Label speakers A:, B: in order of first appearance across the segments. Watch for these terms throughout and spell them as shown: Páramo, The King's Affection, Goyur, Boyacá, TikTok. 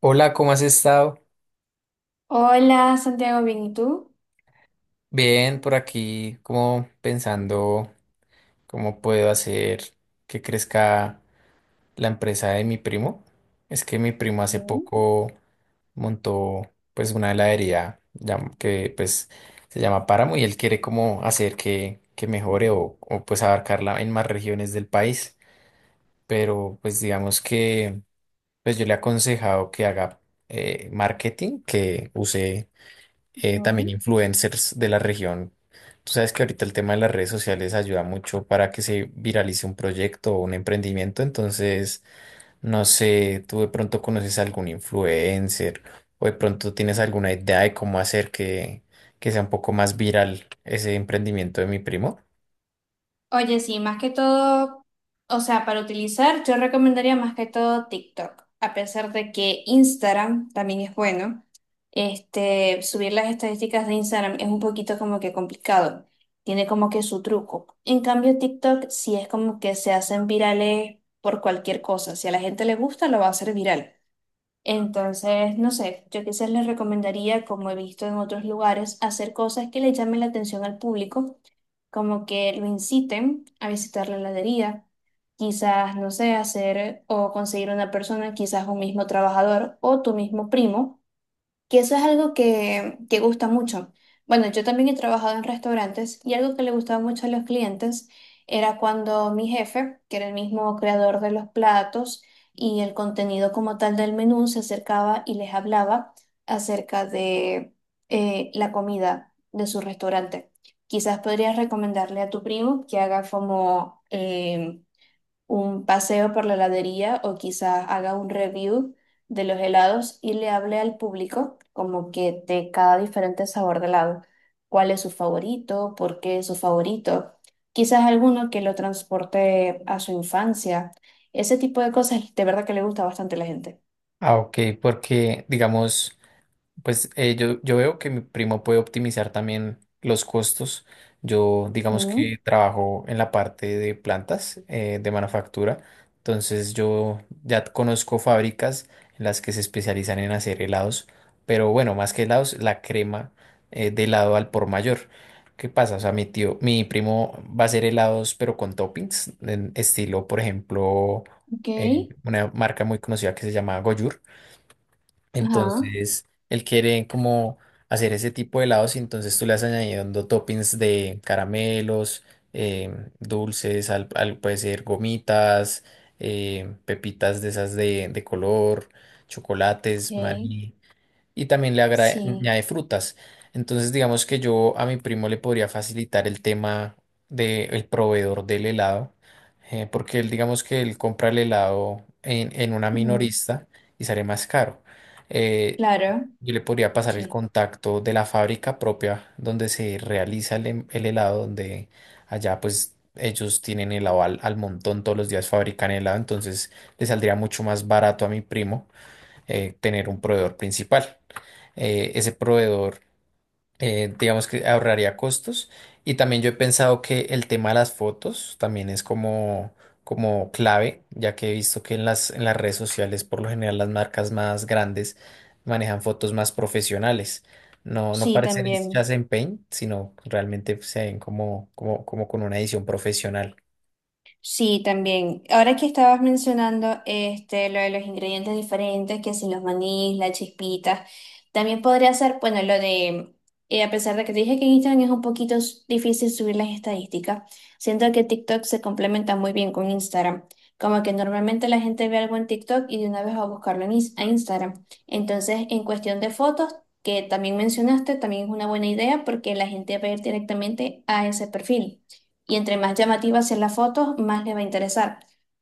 A: Hola, ¿cómo has estado?
B: Hola, Santiago, bien, ¿y tú?
A: Bien, por aquí, como pensando cómo puedo hacer que crezca la empresa de mi primo. Es que mi primo hace
B: Mm,
A: poco montó pues una heladería llam- que pues se llama Páramo y él quiere como hacer que mejore o pues abarcarla en más regiones del país. Pero pues digamos que pues yo le he aconsejado que haga marketing, que use también
B: mm.
A: influencers de la región. Tú sabes que ahorita el tema de las redes sociales ayuda mucho para que se viralice un proyecto o un emprendimiento, entonces no sé, tú de pronto conoces a algún influencer o de pronto tienes alguna idea de cómo hacer que sea un poco más viral ese emprendimiento de mi primo.
B: Oye, sí, más que todo, o sea, para utilizar, yo recomendaría más que todo TikTok, a pesar de que Instagram también es bueno. Este, subir las estadísticas de Instagram es un poquito como que complicado, tiene como que su truco. En cambio, TikTok sí es como que se hacen virales por cualquier cosa. Si a la gente le gusta, lo va a hacer viral. Entonces, no sé, yo quizás les recomendaría, como he visto en otros lugares, hacer cosas que le llamen la atención al público, como que lo inciten a visitar la heladería, quizás, no sé, hacer o conseguir una persona, quizás un mismo trabajador o tu mismo primo que eso es algo que gusta mucho. Bueno, yo también he trabajado en restaurantes y algo que le gustaba mucho a los clientes era cuando mi jefe, que era el mismo creador de los platos y el contenido como tal del menú, se acercaba y les hablaba acerca de la comida de su restaurante. Quizás podrías recomendarle a tu primo que haga como un paseo por la heladería o quizás haga un review de los helados y le hable al público como que de cada diferente sabor de helado, cuál es su favorito, por qué es su favorito, quizás alguno que lo transporte a su infancia, ese tipo de cosas de verdad que le gusta bastante a la gente.
A: Ah, ok, porque digamos. Pues yo veo que mi primo puede optimizar también los costos. Yo digamos
B: Mm,
A: que trabajo en la parte de plantas de manufactura, entonces yo ya conozco fábricas en las que se especializan en hacer helados, pero bueno, más que helados, la crema de helado al por mayor. ¿Qué pasa? O sea, mi tío, mi primo va a hacer helados, pero con toppings, en estilo, por ejemplo,
B: ok,
A: una marca muy conocida que se llama Goyur.
B: ajá,
A: Entonces, él quiere como hacer ese tipo de helados y entonces tú le vas añadiendo toppings de caramelos, dulces, puede ser gomitas, pepitas de esas de color, chocolates,
B: ok,
A: maní, y también
B: sí,
A: añade frutas. Entonces, digamos que yo a mi primo le podría facilitar el tema del proveedor del helado, porque él, digamos que él compra el helado en una
B: ujú,
A: minorista y sale más caro. Eh,
B: claro,
A: yo le podría pasar el
B: sí,
A: contacto de la fábrica propia donde se realiza el helado, donde allá pues ellos tienen helado al montón, todos los días fabrican helado, entonces le saldría mucho más barato a mi primo tener un proveedor principal. Ese proveedor, digamos que ahorraría costos. Y también yo he pensado que el tema de las fotos también es como, como clave, ya que he visto que en las redes sociales, por lo general, las marcas más grandes manejan fotos más profesionales. No,
B: sí,
A: parecen
B: también.
A: hechas en Paint, sino realmente se ven como, como, como con una edición profesional.
B: Sí, también. Ahora que estabas mencionando este, lo de los ingredientes diferentes, que si los manís, las chispitas, también podría ser, bueno, lo de, a pesar de que te dije que en Instagram es un poquito difícil subir las estadísticas, siento que TikTok se complementa muy bien con Instagram. Como que normalmente la gente ve algo en TikTok y de una vez va a buscarlo en a Instagram. Entonces, en cuestión de fotos, que también mencionaste, también es una buena idea porque la gente va a ir directamente a ese perfil y entre más llamativa sea la foto, más le va a interesar.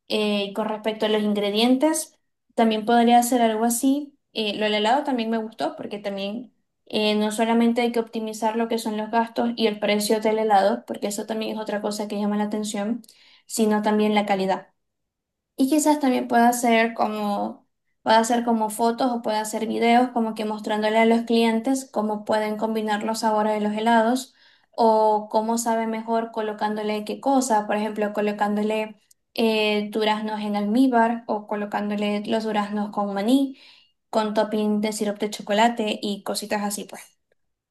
B: Y con respecto a los ingredientes, también podría hacer algo así. Lo del helado también me gustó porque también no solamente hay que optimizar lo que son los gastos y el precio del helado, porque eso también es otra cosa que llama la atención, sino también la calidad. Y quizás también pueda hacer como fotos o pueda hacer videos como que mostrándole a los clientes cómo pueden combinar los sabores de los helados o cómo sabe mejor colocándole qué cosa, por ejemplo, colocándole duraznos en almíbar o colocándole los duraznos con maní, con topping de sirope de chocolate y cositas así pues.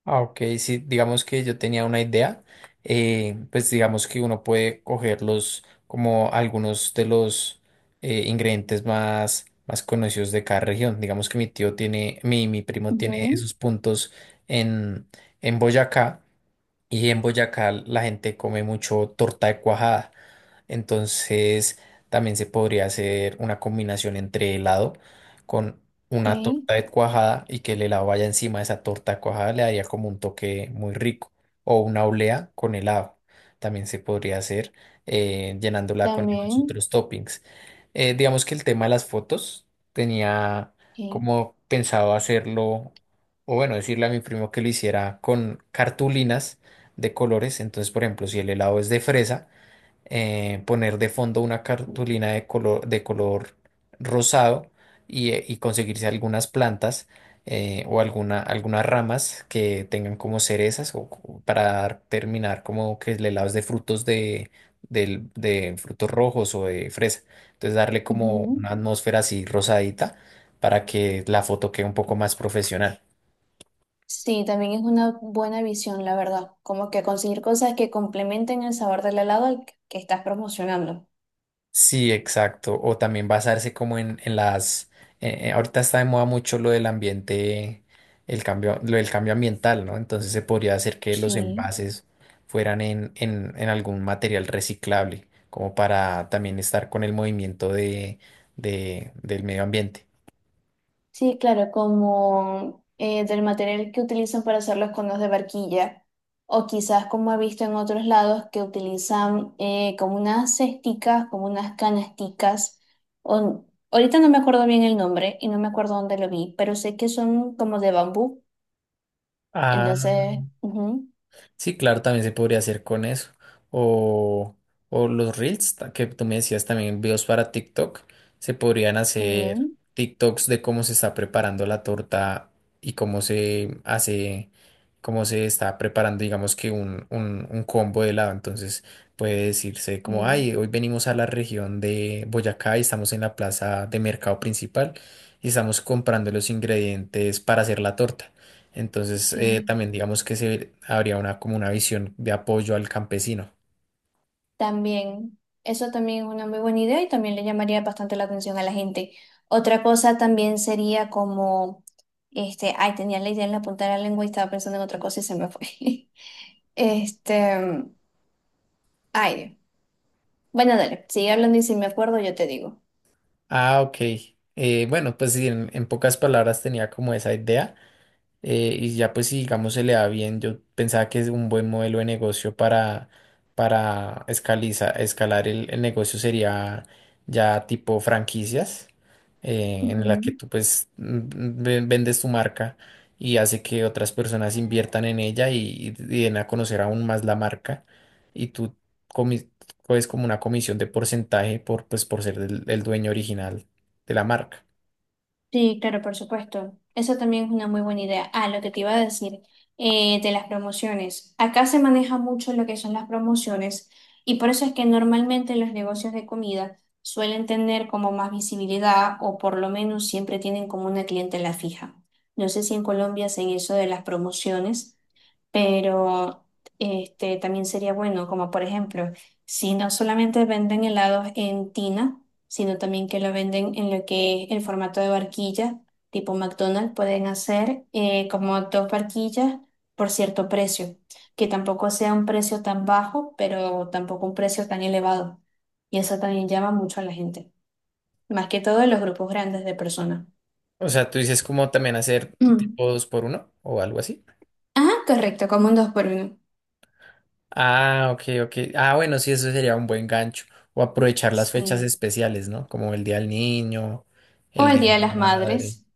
A: Ah, ok, sí, digamos que yo tenía una idea, pues digamos que uno puede cogerlos como algunos de los ingredientes más, más conocidos de cada región. Digamos que mi primo tiene
B: Ujú,
A: esos puntos en, en Boyacá y en Boyacá la gente come mucho torta de cuajada. Entonces también se podría hacer una combinación entre helado con una
B: ok,
A: torta de cuajada y que el helado vaya encima de esa torta de cuajada le daría como un toque muy rico. O una olea con helado. También se podría hacer llenándola con esos
B: también.
A: otros toppings. Digamos que el tema de las fotos tenía
B: Ok,
A: como pensado hacerlo, o bueno, decirle a mi primo que lo hiciera con cartulinas de colores. Entonces, por ejemplo, si el helado es de fresa, poner de fondo una cartulina de color rosado y conseguirse algunas plantas o alguna, algunas ramas que tengan como cerezas o terminar como que el helado es de frutos de frutos rojos o de fresa. Entonces, darle como
B: ujú.
A: una atmósfera así rosadita para que la foto quede un poco más profesional.
B: Sí, también es una buena visión, la verdad. Como que conseguir cosas que complementen el sabor del helado al que estás promocionando.
A: Sí, exacto. O también basarse como en las. Ahorita está de moda mucho lo del ambiente, el cambio, lo del cambio ambiental, ¿no? Entonces se podría hacer que los
B: Sí,
A: envases fueran en algún material reciclable, como para también estar con el movimiento del medio ambiente.
B: sí, claro, como del material que utilizan para hacer los conos de barquilla, o quizás como he visto en otros lados que utilizan como unas cesticas, como unas canasticas, o, ahorita no me acuerdo bien el nombre y no me acuerdo dónde lo vi, pero sé que son como de bambú,
A: Ah.
B: entonces, ujú,
A: Sí, claro, también se podría hacer con eso. O, o los reels que tú me decías también, videos para TikTok, se podrían hacer
B: también,
A: TikToks de cómo se está preparando la torta y cómo se hace, cómo se está preparando, digamos que un combo de helado. Entonces puede decirse como,
B: sí,
A: ay, hoy venimos a la región de Boyacá y estamos en la plaza de mercado principal y estamos comprando los ingredientes para hacer la torta. Entonces,
B: ok.
A: también digamos que se, habría una, como una visión de apoyo al campesino.
B: También, eso también es una muy buena idea y también le llamaría bastante la atención a la gente. Otra cosa también sería como, este, ay, tenía la idea en la punta de la lengua y estaba pensando en otra cosa y se me fue. Este, ay, Dios. Bueno, dale, sigue hablando y si me acuerdo yo te digo.
A: Ah, ok. Bueno, pues sí, en pocas palabras tenía como esa idea. Y ya pues si digamos se le da bien, yo pensaba que es un buen modelo de negocio para escalar el negocio sería ya tipo franquicias, en la que
B: Ujú.
A: tú pues vendes tu marca y hace que otras personas inviertan en ella y den a conocer aún más la marca y tú comi- coges como una comisión de porcentaje por, pues, por ser el dueño original de la marca.
B: Sí, claro, por supuesto. Eso también es una muy buena idea. Ah, lo que te iba a decir de las promociones. Acá se maneja mucho lo que son las promociones y por eso es que normalmente los negocios de comida suelen tener como más visibilidad o por lo menos siempre tienen como una clientela fija. No sé si en Colombia hacen eso de las promociones, pero este, también sería bueno, como por ejemplo, si no solamente venden helados en tina, sino también que lo venden en lo que es el formato de barquilla, tipo McDonald's, pueden hacer como dos barquillas por cierto precio, que tampoco sea un precio tan bajo, pero tampoco un precio tan elevado. Y eso también llama mucho a la gente, más que todo en los grupos grandes de personas.
A: O sea, tú dices como también hacer
B: Mm.
A: tipo dos por uno o algo así.
B: Ah, correcto, como un dos por uno.
A: Ah, ok, ok. Ah, bueno, sí, eso sería un buen gancho. O aprovechar las fechas
B: Sí.
A: especiales, ¿no? Como el Día del Niño,
B: O
A: el
B: el
A: Día
B: Día de
A: de la
B: las
A: Madre.
B: Madres.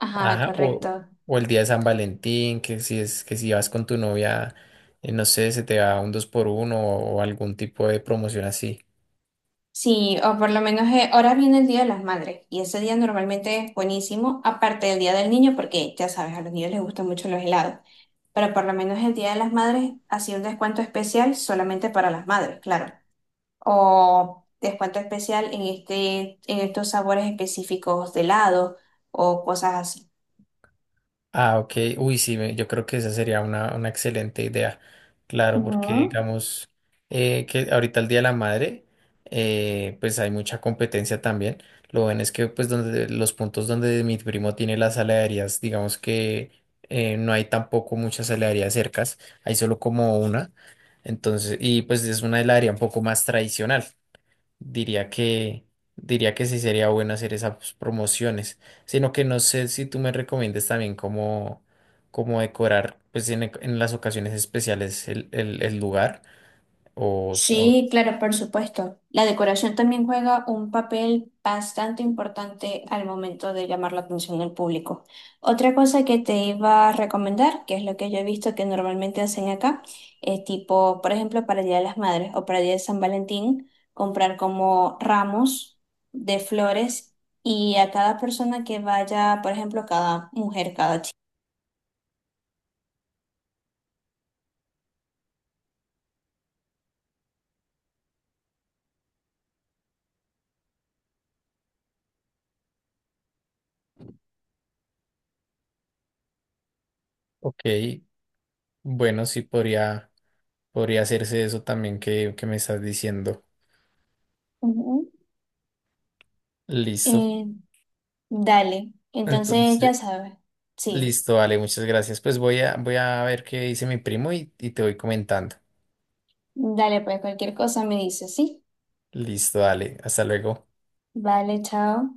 B: Ajá,
A: Ajá,
B: correcto.
A: o el Día de San Valentín, que si es, que si vas con tu novia, no sé, se te da un dos por uno o algún tipo de promoción así.
B: Sí, o por lo menos ahora viene el Día de las Madres y ese día normalmente es buenísimo, aparte del Día del Niño, porque ya sabes, a los niños les gustan mucho los helados, pero por lo menos el Día de las Madres hacía un descuento especial solamente para las madres, claro, o descuento especial en este, en estos sabores específicos de helado o cosas así.
A: Ah, ok. Uy, sí, yo creo que esa sería una excelente idea. Claro, porque
B: Ujú.
A: digamos que ahorita el Día de la Madre, pues hay mucha competencia también. Lo bueno es que pues donde los puntos donde mi primo tiene las heladerías, digamos que no hay tampoco muchas heladerías cercas, hay solo como una. Entonces, y pues es una heladería un poco más tradicional. Diría que, diría que sí sería bueno hacer esas promociones, sino que no sé si tú me recomiendes también cómo, cómo decorar, pues en las ocasiones especiales el lugar. O, o.
B: Sí, claro, por supuesto. La decoración también juega un papel bastante importante al momento de llamar la atención del público. Otra cosa que te iba a recomendar, que es lo que yo he visto que normalmente hacen acá, es tipo, por ejemplo, para el Día de las Madres o para el Día de San Valentín, comprar como ramos de flores y a cada persona que vaya, por ejemplo, cada mujer, cada chica.
A: Ok, bueno, sí podría, podría hacerse eso también que me estás diciendo.
B: Ujú.
A: Listo.
B: Eh, dale, entonces ya
A: Entonces,
B: sabes, sí.
A: listo, dale, muchas gracias. Pues voy a, voy a ver qué dice mi primo y te voy comentando.
B: Dale, pues cualquier cosa me dices, ¿sí?
A: Listo, dale, hasta luego.
B: Vale, chao.